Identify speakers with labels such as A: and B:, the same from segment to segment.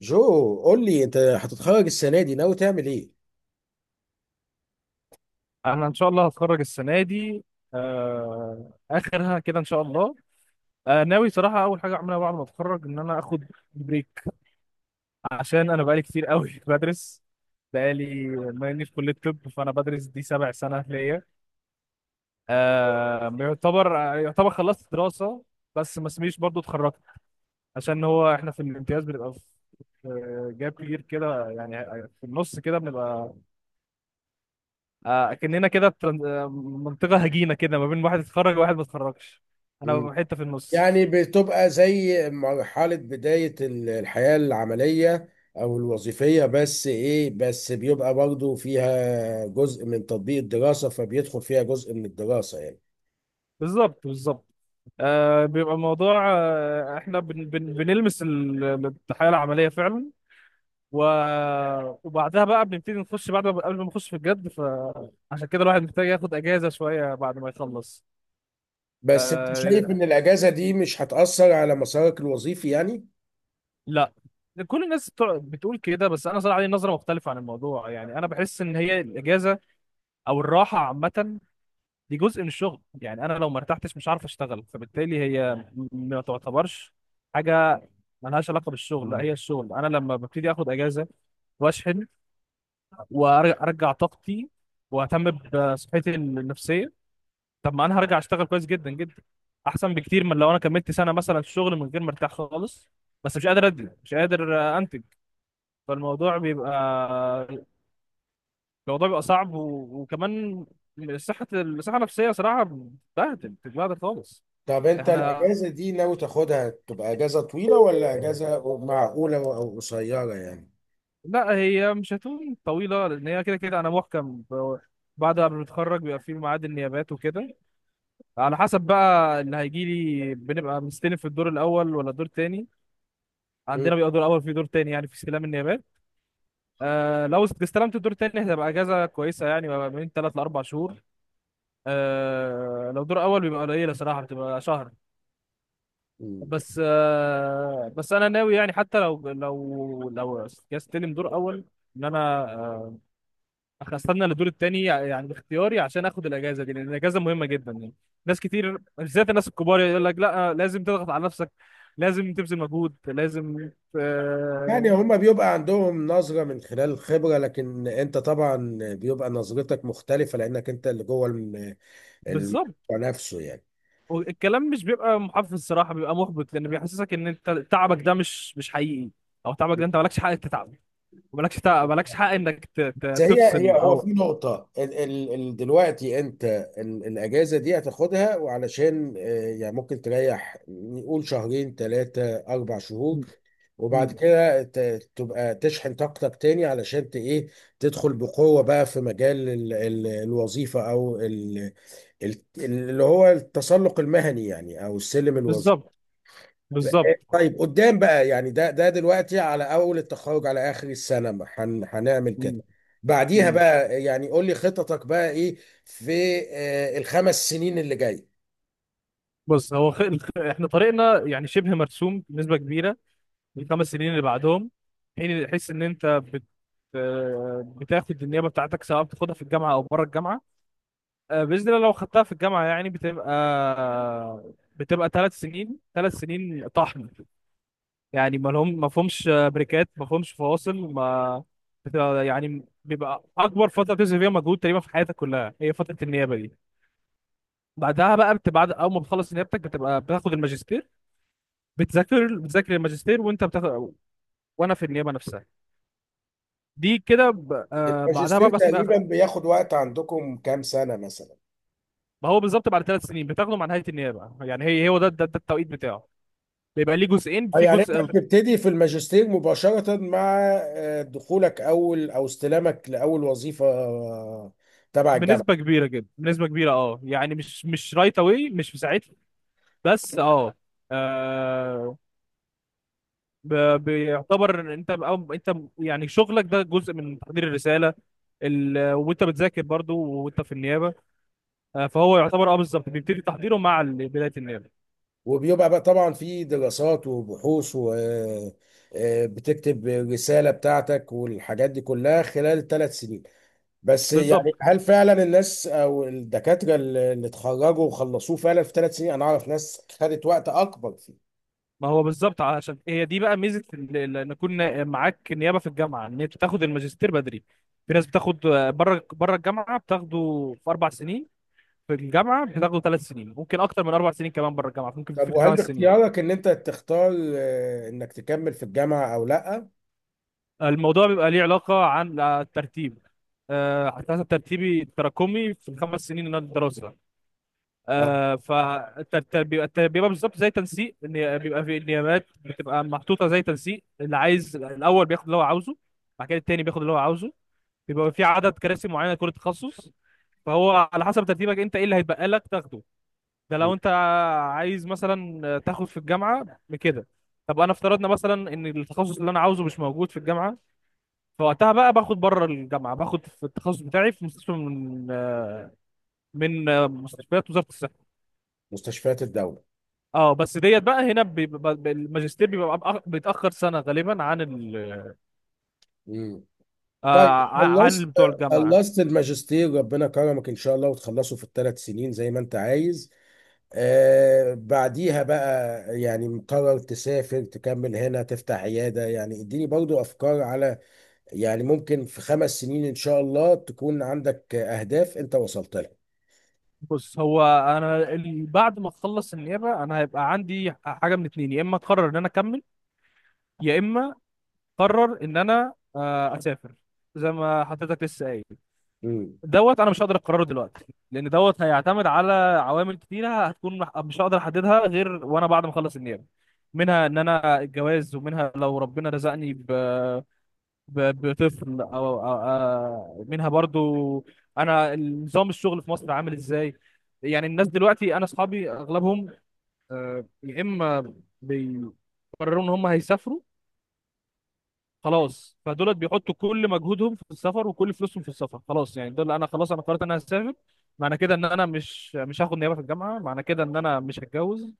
A: جو، قول لي انت هتتخرج السنه دي ناوي تعمل ايه؟
B: انا ان شاء الله هتخرج السنه دي. آه، اخرها كده ان شاء الله. آه، ناوي صراحه اول حاجه اعملها بعد ما اتخرج ان انا اخد بريك عشان انا بقالي كتير قوي بدرس. بقالي ما اني في كليه طب فانا بدرس دي 7 سنه ليا. آه، يعتبر خلصت دراسه، بس ما اسميش برضو اتخرجت، عشان هو احنا في الامتياز بنبقى في جاب كبير كده، يعني في النص كده بنبقى كأننا كده في منطقة هجينة كده ما بين واحد اتخرج وواحد ما اتخرجش. انا
A: مم.
B: ببقى حتة في النص.
A: يعني بتبقى زي مرحله بدايه الحياه العمليه او الوظيفيه، بس بيبقى برضه فيها جزء من تطبيق الدراسه، فبيدخل فيها جزء من الدراسه يعني.
B: بالظبط، بالظبط. آه، بيبقى الموضوع، آه احنا بن بن بنلمس الحياة العملية فعلا، و... وبعدها بقى بنبتدي نخش، بعد ما قبل ما نخش في الجد، فعشان كده الواحد محتاج ياخد اجازة شوية بعد ما يخلص.
A: بس انت شايف
B: آه،
A: ان الاجازه دي مش هتاثر على مسارك الوظيفي يعني؟
B: لا. كل الناس بتقول كده، بس انا صراحة عندي نظرة مختلفة عن الموضوع. يعني انا بحس ان هي الاجازة او الراحة عامة دي جزء من الشغل. يعني انا لو ما ارتحتش مش عارف اشتغل، فبالتالي هي ما تعتبرش حاجه ملهاش علاقه بالشغل، لا هي الشغل. انا لما ببتدي اخد اجازه واشحن وارجع طاقتي واهتم بصحتي النفسيه، طب ما انا هرجع اشتغل كويس جدا جدا، احسن بكتير من لو انا كملت سنه مثلا شغل من غير ما ارتاح خالص، بس مش قادر انتج. فالموضوع بيبقى، الموضوع بيبقى صعب، وكمان الصحه النفسيه صراحه بتتبهدل خالص.
A: طب انت
B: احنا،
A: الاجازه دي ناوي تاخدها تبقى اجازه طويله ولا اجازه معقوله او قصيره يعني؟
B: لا هي مش هتكون طويلة، لأن هي كده كده أنا محكم بعد ما بنتخرج بيبقى في ميعاد النيابات وكده. على حسب بقى اللي هيجيلي، بنبقى مستلف في الدور الأول ولا الدور التاني. عندنا بيبقى دور أول في دور تاني يعني في استلام النيابات. آه، لو استلمت الدور التاني هتبقى أجازة كويسة، يعني بقى من تلات لأربع شهور. آه، لو دور أول بيبقى قليلة صراحة، بتبقى شهر.
A: مم.
B: بس آه، بس أنا ناوي يعني حتى لو استلم دور أول، إن أنا آه، احنا استنى للدور التاني يعني باختياري عشان اخد الاجازه دي، لان الاجازه مهمه جدا يعني. ناس كتير بالذات الناس الكبار يقول لك لا، لازم تضغط على نفسك، لازم تبذل مجهود، لازم
A: يعني
B: آه.
A: هما بيبقى عندهم نظرة من خلال الخبرة، لكن انت طبعا بيبقى نظرتك مختلفة، لانك انت اللي جوه الموضوع
B: بالظبط.
A: نفسه يعني.
B: والكلام مش بيبقى محفز، الصراحه بيبقى محبط، لان بيحسسك ان انت تعبك ده مش حقيقي، او تعبك ده انت مالكش حق تتعب، مالكش حق انك
A: بس هي
B: تفصل
A: هو في
B: او
A: نقطة ال دلوقتي انت ال الاجازة دي هتاخدها، وعلشان يعني ممكن تريح، نقول شهرين ثلاثة اربع
B: م-
A: شهور، وبعد
B: م-
A: كده تبقى تشحن طاقتك تاني علشان ت ايه، تدخل بقوة بقى في مجال ال الوظيفة او اللي هو التسلق المهني يعني، او السلم الوظيفي.
B: بالظبط، بالظبط.
A: طيب، قدام بقى يعني، ده دلوقتي على اول التخرج على اخر السنه ما هن هنعمل كده،
B: م-
A: بعديها
B: م.
A: بقى يعني قول لي خططك بقى ايه في الخمس سنين اللي جاي.
B: بص، احنا طريقنا يعني شبه مرسوم بنسبه كبيره. ال5 سنين اللي بعدهم، تحس ان انت بت آه، بتاخد النيابه بتاعتك، سواء بتاخدها في الجامعه او بره الجامعه. آه، باذن الله لو خدتها في الجامعه يعني بتبقى، آه، بتبقى 3 سنين 3 سنين طحن، يعني ما فهمش بريكات، ما فهمش فواصل، ما بتبقى، يعني بيبقى اكبر فتره بتبذل فيها مجهود تقريبا في حياتك كلها هي فتره النيابه دي. بعدها بقى بعد اول ما بتخلص نيابتك بتبقى بتاخد الماجستير. بتذاكر، بتذاكر الماجستير، وانت بتاخد، وانا في النيابه نفسها. دي كده بعدها
A: الماجستير
B: بقى بس ما.
A: تقريبا بياخد وقت عندكم كام سنه مثلا؟
B: هو بالظبط، بعد 3 سنين بتاخده مع نهايه النيابه. يعني هي هو ده ده, ده التوقيت بتاعه. بيبقى ليه جزئين،
A: اه
B: في
A: يعني انت
B: جزء
A: بتبتدي في الماجستير مباشره مع دخولك اول او استلامك لاول وظيفه، تبع
B: بنسبه
A: الجامعه.
B: كبيره جدا، بنسبه كبيره. اه، يعني مش رايت اواي، مش في ساعتها، بس اه، آه، ب- بيعتبر إن انت أو انت يعني شغلك ده جزء من تحضير الرساله. وانت بتذاكر برضو وانت في النيابه. آه، فهو يعتبر اه بالظبط بيبتدي تحضيره مع بدايه النيابه.
A: وبيبقى بقى طبعا في دراسات وبحوث و بتكتب رسالة بتاعتك والحاجات دي كلها خلال ثلاث سنين. بس يعني
B: بالظبط.
A: هل فعلا الناس او الدكاترة اللي اتخرجوا وخلصوه فعلا في ثلاث سنين؟ انا اعرف ناس خدت وقت اكبر فيه.
B: ما هو بالظبط، عشان هي دي بقى ميزه ان يكون معاك نيابه في الجامعه، ان انت تاخد الماجستير بدري. في ناس بتاخد بره الجامعه بتاخده في 4 سنين. في الجامعه بتاخده 3 سنين، ممكن اكتر من 4 سنين كمان، بره الجامعه ممكن
A: طب
B: في
A: وهل
B: 5 سنين.
A: باختيارك ان انت تختار انك تكمل في الجامعة او لا؟
B: الموضوع بيبقى ليه علاقه عن الترتيب. آه، على حسب ترتيبي التراكمي في ال5 سنين اللي أنا الدراسه.
A: اه.
B: آه فالتربية. بالظبط، زي تنسيق، ان بيبقى في النيابات بتبقى محطوطة زي تنسيق، اللي عايز الأول بياخد اللي هو عاوزه، بعد كده التاني بياخد اللي هو عاوزه. بيبقى في عدد كراسي معينة لكل تخصص. فهو على حسب ترتيبك انت، ايه اللي هيتبقى لك تاخده. ده
A: مم.
B: لو انت عايز مثلا تاخد في الجامعة بكده. طب انا افترضنا مثلا ان التخصص اللي انا عاوزه مش موجود في الجامعة، فوقتها بقى باخد بره الجامعة، باخد في التخصص بتاعي في مستشفى من مستشفيات وزارة الصحة.
A: مستشفيات الدولة.
B: اه بس ديت بقى هنا الماجستير بيبقى بيتأخر سنة غالبا عن ال
A: مم. طيب،
B: آه عن
A: خلصت،
B: بتوع الجامعة.
A: خلصت الماجستير، ربنا كرمك ان شاء الله وتخلصه في الثلاث سنين زي ما انت عايز. آه، بعديها بقى يعني مقرر تسافر، تكمل هنا، تفتح عيادة؟ يعني اديني برضو أفكار على، يعني ممكن في خمس سنين إن شاء الله تكون عندك أهداف أنت وصلت لها.
B: بص، بعد ما اخلص النيابة انا هيبقى عندي حاجة من اتنين. يا اما اقرر ان انا اكمل، يا اما اقرر ان انا اسافر، زي ما حضرتك لسه قايل.
A: مم.
B: دوت انا مش هقدر اقرره دلوقتي، لان دوت هيعتمد على عوامل كتيرة هتكون مش هقدر احددها غير وانا بعد ما اخلص النيابة. منها ان انا الجواز، ومنها لو ربنا رزقني بطفل أو منها برضو أنا نظام الشغل في مصر عامل إزاي. يعني الناس دلوقتي، أنا أصحابي أغلبهم يا إما بيقرروا إن هم هيسافروا خلاص، فدولت بيحطوا كل مجهودهم في السفر وكل فلوسهم في السفر. خلاص يعني دول، أنا خلاص أنا قررت إن أنا هسافر، معنى كده إن أنا مش هاخد نيابة في الجامعة، معنى كده إن أنا مش هتجوز،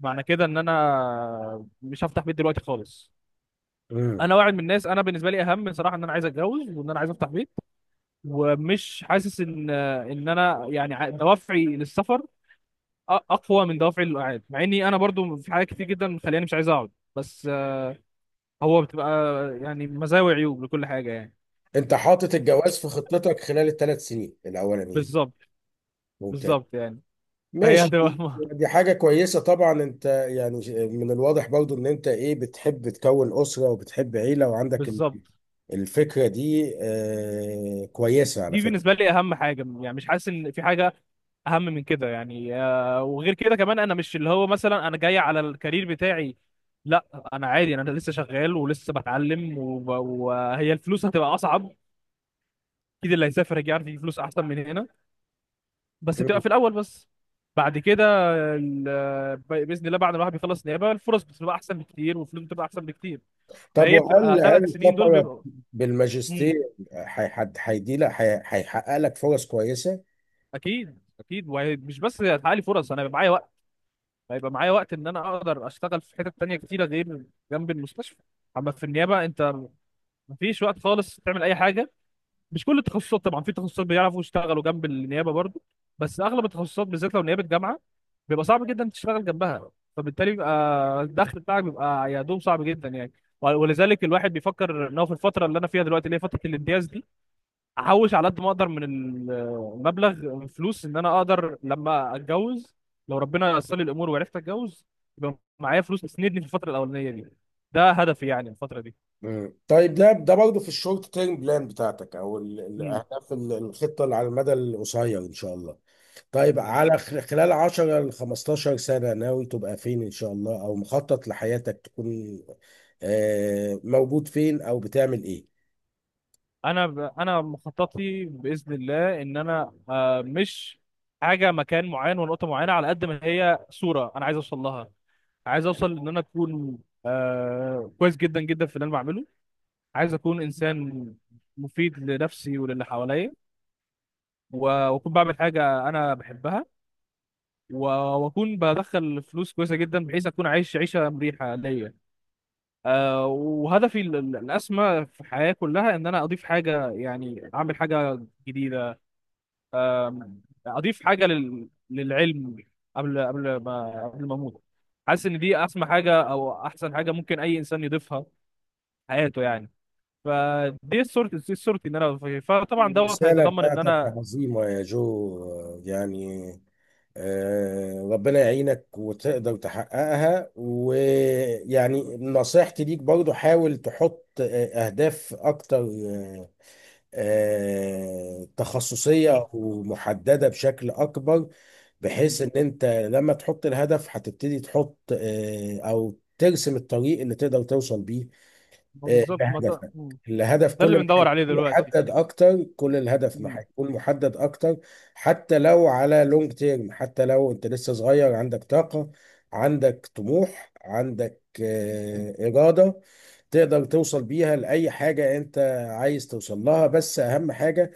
B: معنى كده إن أنا مش هفتح بيت دلوقتي خالص.
A: مم.
B: انا واحد من الناس، انا بالنسبه لي اهم صراحه ان انا عايز اتجوز وان انا عايز افتح بيت. ومش حاسس ان ان انا يعني دوافعي للسفر اقوى من دوافعي للقعاد، مع اني انا برضو في حاجات كتير جدا مخليني مش عايز اقعد، بس آه، هو بتبقى يعني مزايا وعيوب لكل حاجه يعني.
A: أنت حاطط الجواز في خطتك خلال الثلاث سنين الأولانيين؟
B: بالظبط،
A: ممتاز.
B: بالظبط يعني. فهي
A: ماشي.
B: هتبقى
A: دي حاجة كويسة طبعا. أنت يعني من الواضح برضو إن أنت إيه، بتحب تكون أسرة وبتحب عيلة، وعندك
B: بالظبط.
A: الفكرة دي، كويسة على
B: دي
A: فكرة.
B: بالنسبه لي اهم حاجه، يعني مش حاسس ان في حاجه اهم من كده. يعني آه، وغير كده كمان، انا مش اللي هو مثلا انا جاي على الكارير بتاعي، لا انا عادي، انا لسه شغال ولسه بتعلم وهي الفلوس هتبقى اصعب، اكيد اللي هيسافر هيجي عارف يجيب فلوس احسن من هنا، بس بتبقى في الاول بس. بعد كده باذن الله بعد ما الواحد بيخلص نيابه الفرص بتبقى احسن بكتير، والفلوس بتبقى احسن بكتير.
A: طب،
B: فهي
A: وهل
B: بتبقى
A: هل
B: 3 سنين دول
A: السفر
B: بيبقوا.
A: بالماجستير
B: امم.
A: هيدي لك هيحقق لك فرص كويسه؟
B: اكيد، اكيد. ومش بس هيتحقق لي فرص، انا هيبقى معايا وقت، هيبقى معايا وقت ان انا اقدر اشتغل في حتت تانية كتيره غير جنب المستشفى. اما في النيابه انت، مفيش وقت خالص تعمل اي حاجه. مش كل التخصصات طبعا، في تخصصات بيعرفوا يشتغلوا جنب النيابه برضو، بس اغلب التخصصات بالذات لو نيابه جامعه، بيبقى صعب جدا تشتغل جنبها. فبالتالي بيبقى الدخل بتاعك بيبقى يا دوب، صعب جدا يعني. ولذلك الواحد بيفكر ان هو في الفتره اللي انا فيها دلوقتي اللي هي فتره الامتياز دي، احوش على قد ما اقدر من المبلغ فلوس ان انا اقدر لما اتجوز، لو ربنا يسر لي الامور وعرفت اتجوز، يبقى معايا فلوس تسندني في الفتره الاولانيه دي. ده هدفي يعني الفتره دي.
A: مم. طيب، ده برضه في الشورت تيرم بلان بتاعتك، او
B: مم.
A: الاهداف الخطه اللي على المدى القصير ان شاء الله. طيب، على خلال 10 ل 15 سنه ناوي تبقى فين ان شاء الله، او مخطط لحياتك تكون موجود فين او بتعمل ايه؟
B: انا انا مخططي باذن الله ان انا مش حاجه مكان معين ونقطه معينه، على قد ما هي صوره انا عايز اوصل لها. عايز اوصل ان انا اكون آه كويس جدا جدا في اللي انا بعمله. عايز اكون انسان مفيد لنفسي وللي حواليا، واكون بعمل حاجه انا بحبها، و- واكون بدخل فلوس كويسه جدا بحيث اكون عايش عيشه مريحه ليا. آه، وهدفي الاسمى في الحياه كلها ان انا اضيف حاجه، يعني اعمل حاجه جديده. آم، اضيف حاجه للعلم، قبل ما اموت. حاسس ان دي اسمى حاجه او احسن حاجه ممكن اي انسان يضيفها حياته يعني. فدي صورتي، دي صورتي ان انا فيه. فطبعا دوت
A: الرسالة
B: هيتضمن ان
A: بتاعتك
B: انا.
A: عظيمة يا جو، يعني ربنا يعينك وتقدر تحققها. ويعني نصيحتي ليك برضو، حاول تحط أهداف أكتر،
B: مم.
A: تخصصية ومحددة بشكل أكبر، بحيث
B: مم.
A: إن أنت لما تحط الهدف هتبتدي تحط أو ترسم الطريق اللي تقدر توصل بيه
B: ما
A: آه،
B: بالظبط ما ده.
A: لهدفك.
B: مم.
A: الهدف
B: ده اللي
A: كل ما
B: بندور
A: هيكون
B: عليه دلوقتي.
A: محدد اكتر كل الهدف ما
B: مم.
A: هيكون محدد اكتر، حتى لو على لونج تيرم، حتى لو انت لسه صغير عندك طاقة، عندك طموح، عندك إرادة، تقدر توصل بيها لأي حاجة أنت عايز توصل لها. بس أهم حاجة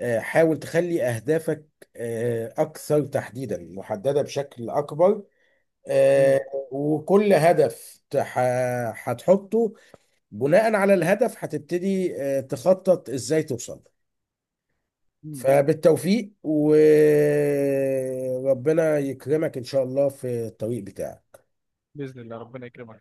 A: حاول تخلي أهدافك أكثر تحديدا، محددة بشكل أكبر.
B: مم.
A: آه، وكل هدف هتحطه، بناء على الهدف هتبتدي تخطط ازاي توصل له.
B: مم.
A: فبالتوفيق، وربنا يكرمك ان شاء الله في الطريق بتاعك.
B: باذن الله ربنا يكرمك.